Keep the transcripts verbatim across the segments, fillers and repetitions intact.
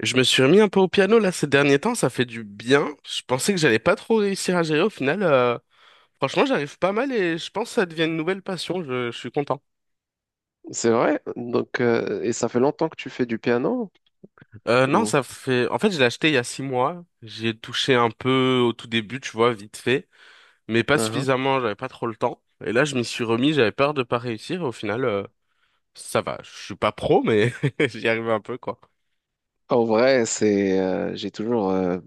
Je me suis remis un peu au piano là ces derniers temps, ça fait du bien. Je pensais que j'allais pas trop réussir à gérer au final. euh, franchement, j'arrive pas mal et je pense que ça devient une nouvelle passion. Je, je suis content. C'est vrai? Donc, euh, et ça fait longtemps que tu fais du piano? Euh, non, Ou... ça fait. En fait, je l'ai acheté il y a six mois. J'y ai touché un peu au tout début, tu vois, vite fait, mais pas Uhum. suffisamment. J'avais pas trop le temps. Et là, je m'y suis remis. J'avais peur de pas réussir. Au final, euh, ça va. Je suis pas pro, mais j'y arrive un peu quoi. En vrai, c'est, euh, j'ai toujours euh,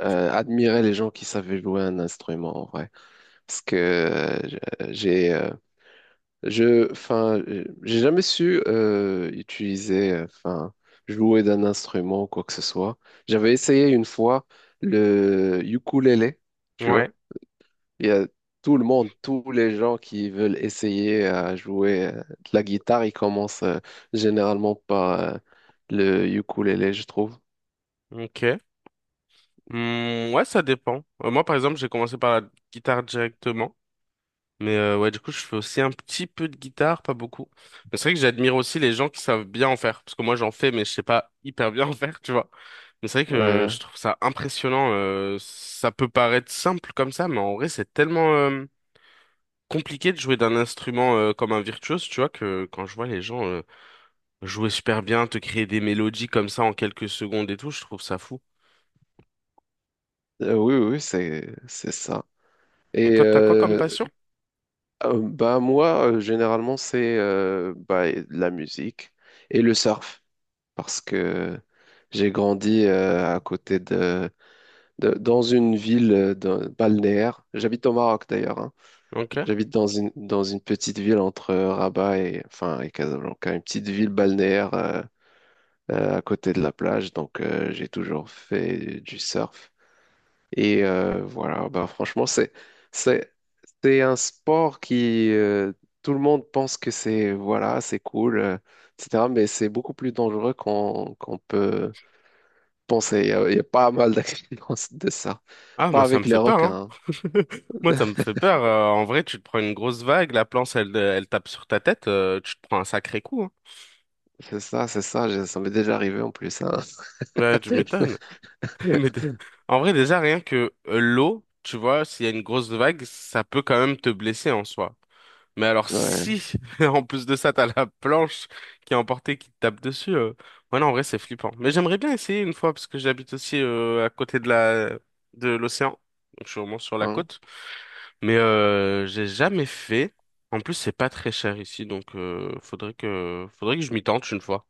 euh, admiré les gens qui savaient jouer un instrument, en vrai. Parce que euh, j'ai, euh, je, enfin, euh, j'ai jamais su euh, utiliser, euh, enfin, jouer d'un instrument ou quoi que ce soit. J'avais essayé une fois le ukulélé, tu vois. Ouais. Il y a tout le monde, tous les gens qui veulent essayer euh, à jouer euh, de la guitare, ils commencent euh, généralement par euh, le ukulélé, je trouve. Ok. Hmm, ouais, ça dépend. Euh, moi, par exemple, j'ai commencé par la guitare directement. Mais euh, ouais, du coup, je fais aussi un petit peu de guitare, pas beaucoup. Mais c'est vrai que j'admire aussi les gens qui savent bien en faire. Parce que moi, j'en fais, mais je sais pas hyper bien en faire, tu vois. Mais c'est vrai Ouais. que je trouve ça impressionnant. Euh, ça peut paraître simple comme ça, mais en vrai, c'est tellement euh, compliqué de jouer d'un instrument euh, comme un virtuose, tu vois, que quand je vois les gens euh, jouer super bien, te créer des mélodies comme ça en quelques secondes et tout, je trouve ça fou. Euh, oui, oui, c'est c'est ça. Et Et toi, t'as quoi comme euh, passion? euh, bah moi, euh, généralement, c'est euh, bah, la musique et le surf, parce que j'ai grandi euh, à côté de, de- dans une ville euh, d'un- balnéaire. J'habite au Maroc d'ailleurs, hein. Ok. J'habite dans une, dans une petite ville entre euh, Rabat et, enfin, et Casablanca, une petite ville balnéaire euh, euh, à côté de la plage, donc euh, j'ai toujours fait du surf. Et euh, voilà, bah, franchement, c'est, c'est, c'est un sport qui, euh, tout le monde pense que c'est, voilà, c'est cool, euh, et cetera, mais c'est beaucoup plus dangereux qu'on qu'on peut penser. Il y a, il y a pas mal d'accidents de ça. Ah, Pas moi, ça me avec les fait peur, hein. requins, Moi, hein. ça me fait peur. Euh, en vrai, tu te prends une grosse vague, la planche, elle, elle tape sur ta tête, euh, tu te prends un sacré coup, hein. C'est ça, c'est ça, j'ai- ça m'est déjà arrivé en plus, hein. Bah, tu m'étonnes. Ouais, Mais dé- en vrai, déjà, rien que euh, l'eau, tu vois, s'il y a une grosse vague, ça peut quand même te blesser en soi. Mais alors, si, en plus de ça, t'as la planche qui est emportée, qui te tape dessus, euh... ouais, non, en vrai, c'est flippant. Mais j'aimerais bien essayer une fois, parce que j'habite aussi euh, à côté de la... de l'océan. Donc, je suis au moins sur la hein. côte. Mais euh, j'ai jamais fait. En plus, c'est pas très cher ici, donc euh, faudrait que faudrait que je m'y tente une fois.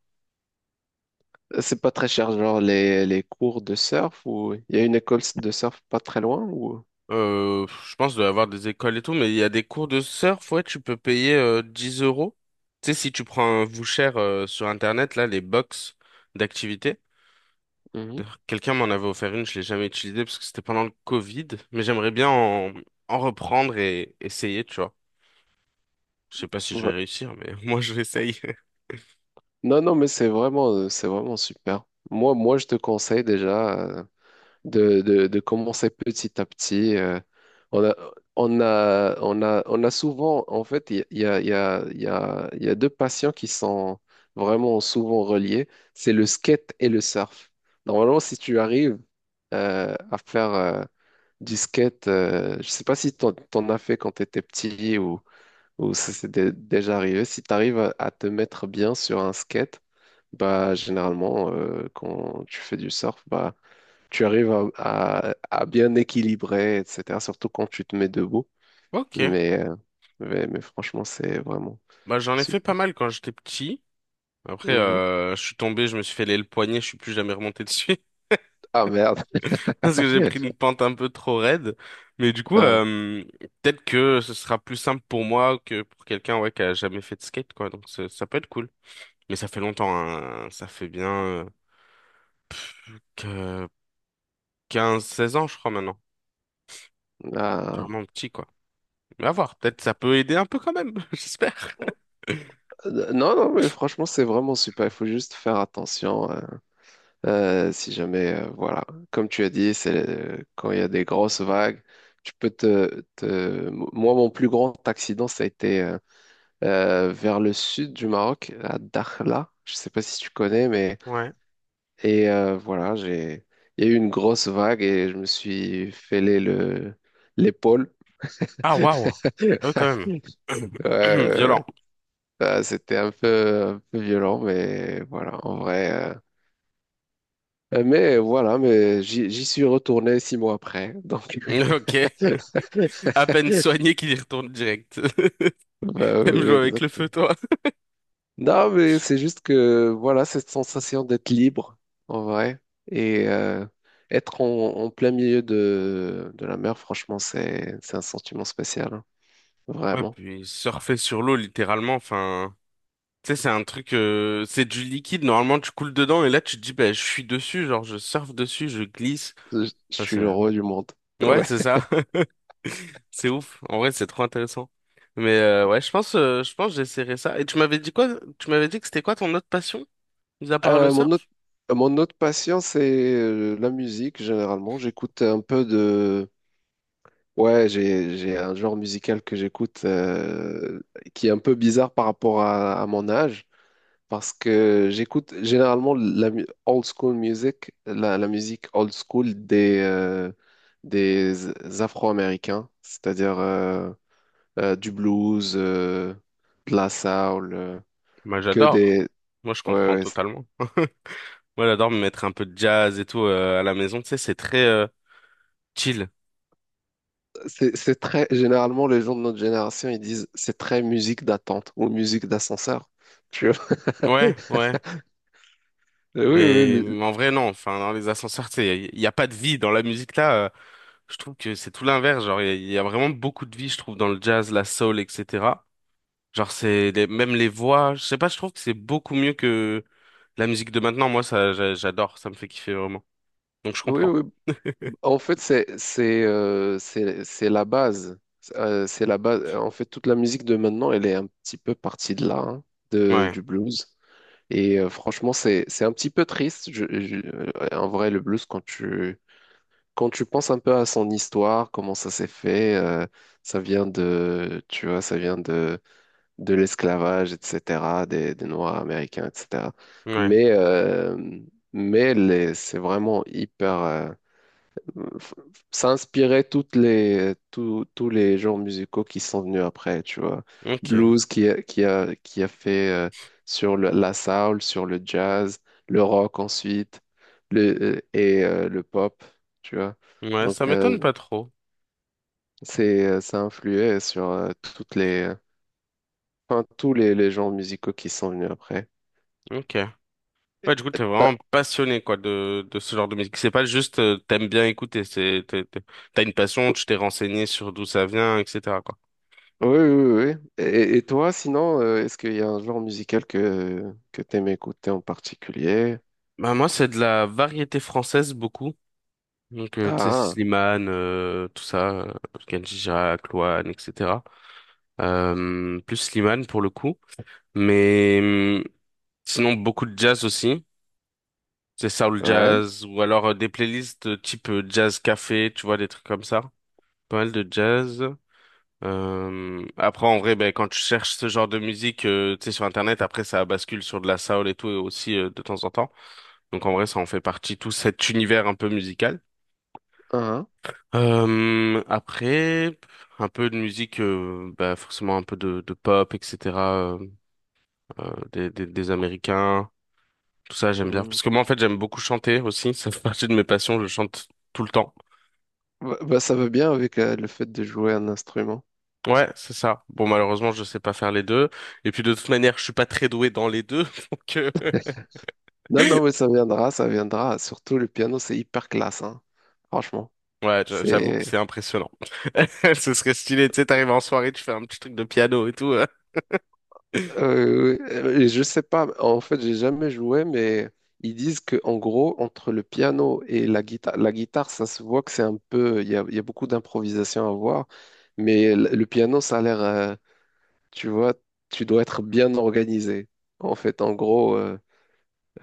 C'est pas très cher, genre les, les cours de surf ou il y a une école de surf pas très loin ou? Euh, je pense qu'il doit y avoir des écoles et tout, mais il y a des cours de surf, ouais, tu peux payer euh, dix euros. Tu sais, si tu prends un voucher euh, sur Internet, là, les box d'activités. Mhm. D'ailleurs, quelqu'un m'en avait offert une, je l'ai jamais utilisée parce que c'était pendant le Covid, mais j'aimerais bien en, en reprendre et essayer, tu vois. Je sais pas si je Ouais. vais réussir, mais moi je l'essaye. Non, non, mais c'est vraiment euh, c'est vraiment super. Moi, moi, je te conseille déjà. euh, de, de, de commencer petit à petit. euh, on a, on a, on a, on a souvent, en fait, il y a, il y a, il y a, il y a deux passions qui sont vraiment souvent reliées, c'est le skate et le surf. Normalement, si tu arrives euh, à faire euh, du skate, euh, je sais pas si t'en, t'en as fait quand tu étais petit ou, ou ça s'est dé- déjà arrivé, si tu arrives à, à te mettre bien sur un skate, bah, généralement, euh, quand tu fais du surf, bah, tu arrives à, à- à bien équilibrer, et cetera. Surtout quand tu te mets debout. Ok, Mais, euh, mais, mais franchement, c'est vraiment bah j'en ai fait pas super. mal quand j'étais petit. Après, Mhm. euh, je suis tombé, je me suis fait aller le poignet, je suis plus jamais remonté dessus Ah merde. parce que j'ai pris une pente un peu trop raide. Mais du coup, Ah, euh, peut-être que ce sera plus simple pour moi que pour quelqu'un ouais, qui a jamais fait de skate, quoi. Donc ça ça peut être cool. Mais ça fait longtemps, hein. Ça fait bien euh, que quinze seize ans, je crois, maintenant. C'est ah. vraiment petit, quoi. Mais à voir, peut-être ça peut aider un peu quand même, j'espère. Euh, Non, non, mais franchement, c'est vraiment super. Il faut juste faire attention. Euh, euh, si jamais, euh, voilà, comme tu as dit, c'est euh, quand il y a des grosses vagues, tu peux te, te- moi, mon plus grand accident, ça a été euh, euh, vers le sud du Maroc, à Dakhla. Je sais pas si tu connais, mais. Ouais. Et euh, voilà, j'ai, il y a eu une grosse vague et je me suis fêlé le, l'épaule. Ah, waouh. Ah oui, quand même. Ouais, ouais, Violent. ouais. C'était un peu, un peu violent, mais voilà, en vrai. euh, Mais voilà, mais j'y j'y suis retourné six mois après. Donc, Ok. À peine soigné qu'il y retourne direct. bah, T'aimes oui, jouer avec le feu, exactement. toi? Non, mais c'est juste que voilà, cette sensation d'être libre, en vrai, et euh, être en, en plein milieu de, de la mer, franchement, c'est c'est un sentiment spécial, hein. Ouais, Vraiment. puis surfer sur l'eau, littéralement, enfin. Tu sais, c'est un truc, euh, c'est du liquide, normalement, tu coules dedans, et là, tu te dis, bah, je suis dessus, genre, je surfe dessus, je glisse. Je, je suis le Enfin, roi du monde. c'est- ouais, Ouais. c'est ça. C'est ouf. En vrai, c'est trop intéressant. Mais euh, ouais, je pense, euh, je pense que j'essaierai ça. Et tu m'avais dit quoi? Tu m'avais dit que c'était quoi ton autre passion, mis à part le Euh, surf? mon autre, Mon autre passion, c'est euh, la musique, généralement. J'écoute un peu de. Ouais, j'ai, j'ai un genre musical que j'écoute, euh, qui est un peu bizarre par rapport à, à mon âge. Parce que j'écoute généralement la mu- old school music, la, la musique old school des, euh, des Afro-Américains, c'est-à-dire euh, euh, du blues, euh, de la soul, euh, Bah, que j'adore. des... Moi, je Ouais, comprends ouais, totalement. Moi, j'adore me mettre un peu de jazz et tout euh, à la maison, tu sais, c'est très euh, chill. c'est c'est très. Généralement, les gens de notre génération, ils disent c'est très musique d'attente ou musique d'ascenseur. Tu vois? Ouais, ouais. Oui, oui, Mais le- en vrai, non. Enfin, dans les ascenseurs, tu sais, il n'y a, y a pas de vie. Dans la musique, là, euh, je trouve que c'est tout l'inverse. Genre, il y, a y a vraiment beaucoup de vie, je trouve, dans le jazz, la soul, et cetera. Genre, c'est les- même les voix. Je sais pas, je trouve que c'est beaucoup mieux que la musique de maintenant. Moi, ça, j'a- j'adore. Ça me fait kiffer vraiment. Donc, je oui, comprends. oui. En fait, c'est c'est euh, c'est c'est la base. Euh, c'est la base. En fait, toute la musique de maintenant, elle est un petit peu partie de là, hein, de, Ouais, du blues. Et euh, franchement, c'est c'est un petit peu triste. Je- je- euh, en vrai, le blues, quand tu quand tu penses un peu à son histoire, comment ça s'est fait, euh, ça vient de, tu vois, ça vient de de l'esclavage, et cetera des, des Noirs américains, et cetera. ouais, Mais euh, mais les- c'est vraiment hyper. Euh, s'inspirait, inspirait toutes les, tous tous les genres musicaux qui sont venus après, tu vois. ok. Blues qui a, qui a, qui a fait euh, sur le- la soul, sur le jazz, le rock ensuite, le, euh, et euh, le pop, tu vois. Ouais, ça Donc, euh, m'étonne pas trop. c'est, euh, ça influait sur euh, toutes les, enfin, tous les, les genres musicaux qui sont venus après. Ok. Ouais, Et- du coup, euh, t'es t'as- vraiment passionné, quoi, de, de ce genre de musique. C'est pas juste, euh, t'aimes bien écouter. C'est, t'es- t'es- t'as une passion, tu t'es renseigné sur d'où ça vient, et cetera. Oui, oui, oui, oui. Et, et toi, sinon, euh, est-ce qu'il y a un genre musical que, que tu aimes écouter en particulier? Bah, moi, c'est de la variété française beaucoup. Donc, euh, tu sais, Ah, Slimane, euh, tout ça, euh, Kenji Girac, Louane, et cetera. Euh, plus Slimane pour le coup. Mais hum, sinon, beaucoup de jazz aussi. C'est soul ah, ouais, jazz ou alors euh, des playlists euh, type euh, jazz café, tu vois, des trucs comme ça. Pas mal de jazz. Euh, après, en vrai, ben, quand tu cherches ce genre de musique, euh, tu sais, sur Internet, après, ça bascule sur de la soul et tout, et aussi euh, de temps en temps. Donc, en vrai, ça en fait partie, tout cet univers un peu musical. hein, Euh, après, un peu de musique, euh, bah forcément un peu de, de pop, et cetera euh, euh, des, des, des Américains, tout ça j'aime bien. hmm. Parce que moi en fait j'aime beaucoup chanter aussi, ça fait partie de mes passions, je chante tout le temps. Bah, bah, ça va bien avec euh, le fait de jouer un instrument. Ouais, c'est ça. Bon malheureusement je sais pas faire les deux. Et puis de toute manière je suis pas très doué dans les deux, donc euh, Non, non, mais ça viendra, ça viendra. Surtout le piano, c'est hyper classe, hein. Franchement, ouais j'a- j'avoue que c'est. c'est impressionnant. Ce serait stylé, tu sais, t'arrives en soirée, tu fais un petit truc de piano et tout. euh. Euh, euh, je sais pas. En fait, j'ai jamais joué, mais ils disent que en gros, entre le piano et la guitare, la guitare, ça se voit que c'est un peu. Il y a, il y a beaucoup d'improvisation à voir, mais l- le piano, ça a l'air. Euh, tu vois, tu dois être bien organisé. En fait, en gros. euh,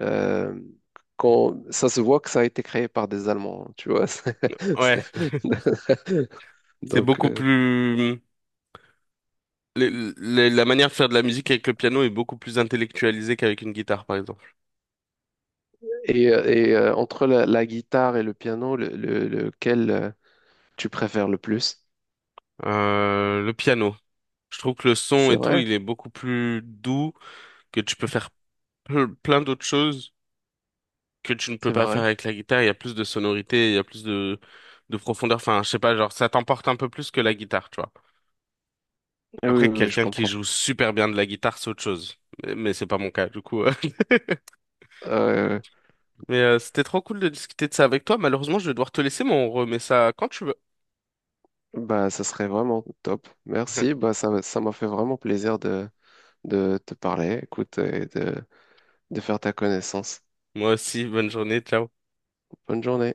Euh, Quand, ça se voit que ça a été créé par des Allemands, hein, tu vois. c'est- Ouais, c'est- c'est Donc, beaucoup euh, plus. les- les- la manière de faire de la musique avec le piano est beaucoup plus intellectualisée qu'avec une guitare, par exemple. et, et, euh, entre la, la guitare et le piano, le- le- lequel euh, tu préfères le plus? Euh, le piano. Je trouve que le son C'est et tout, vrai, il est beaucoup plus doux, que tu peux faire ple- plein d'autres choses que tu ne peux c'est pas faire vrai. avec la guitare. Il y a plus de sonorité, il y a plus de, de profondeur. Enfin, je sais pas, genre, ça t'emporte un peu plus que la guitare, tu vois. Eh, oui, Après, oui, oui, je quelqu'un qui comprends. joue super bien de la guitare, c'est autre chose. Mais, mais c'est pas mon cas, du coup. Euh, Mais euh, c'était trop cool de discuter de ça avec toi. Malheureusement, je vais devoir te laisser, mais on remet ça quand tu veux. Bah, ça serait vraiment top. Merci. Bah, ça, ça m'a fait vraiment plaisir de, de te parler, écoute, et de, de faire ta connaissance. Moi aussi, bonne journée, ciao. Bonne journée.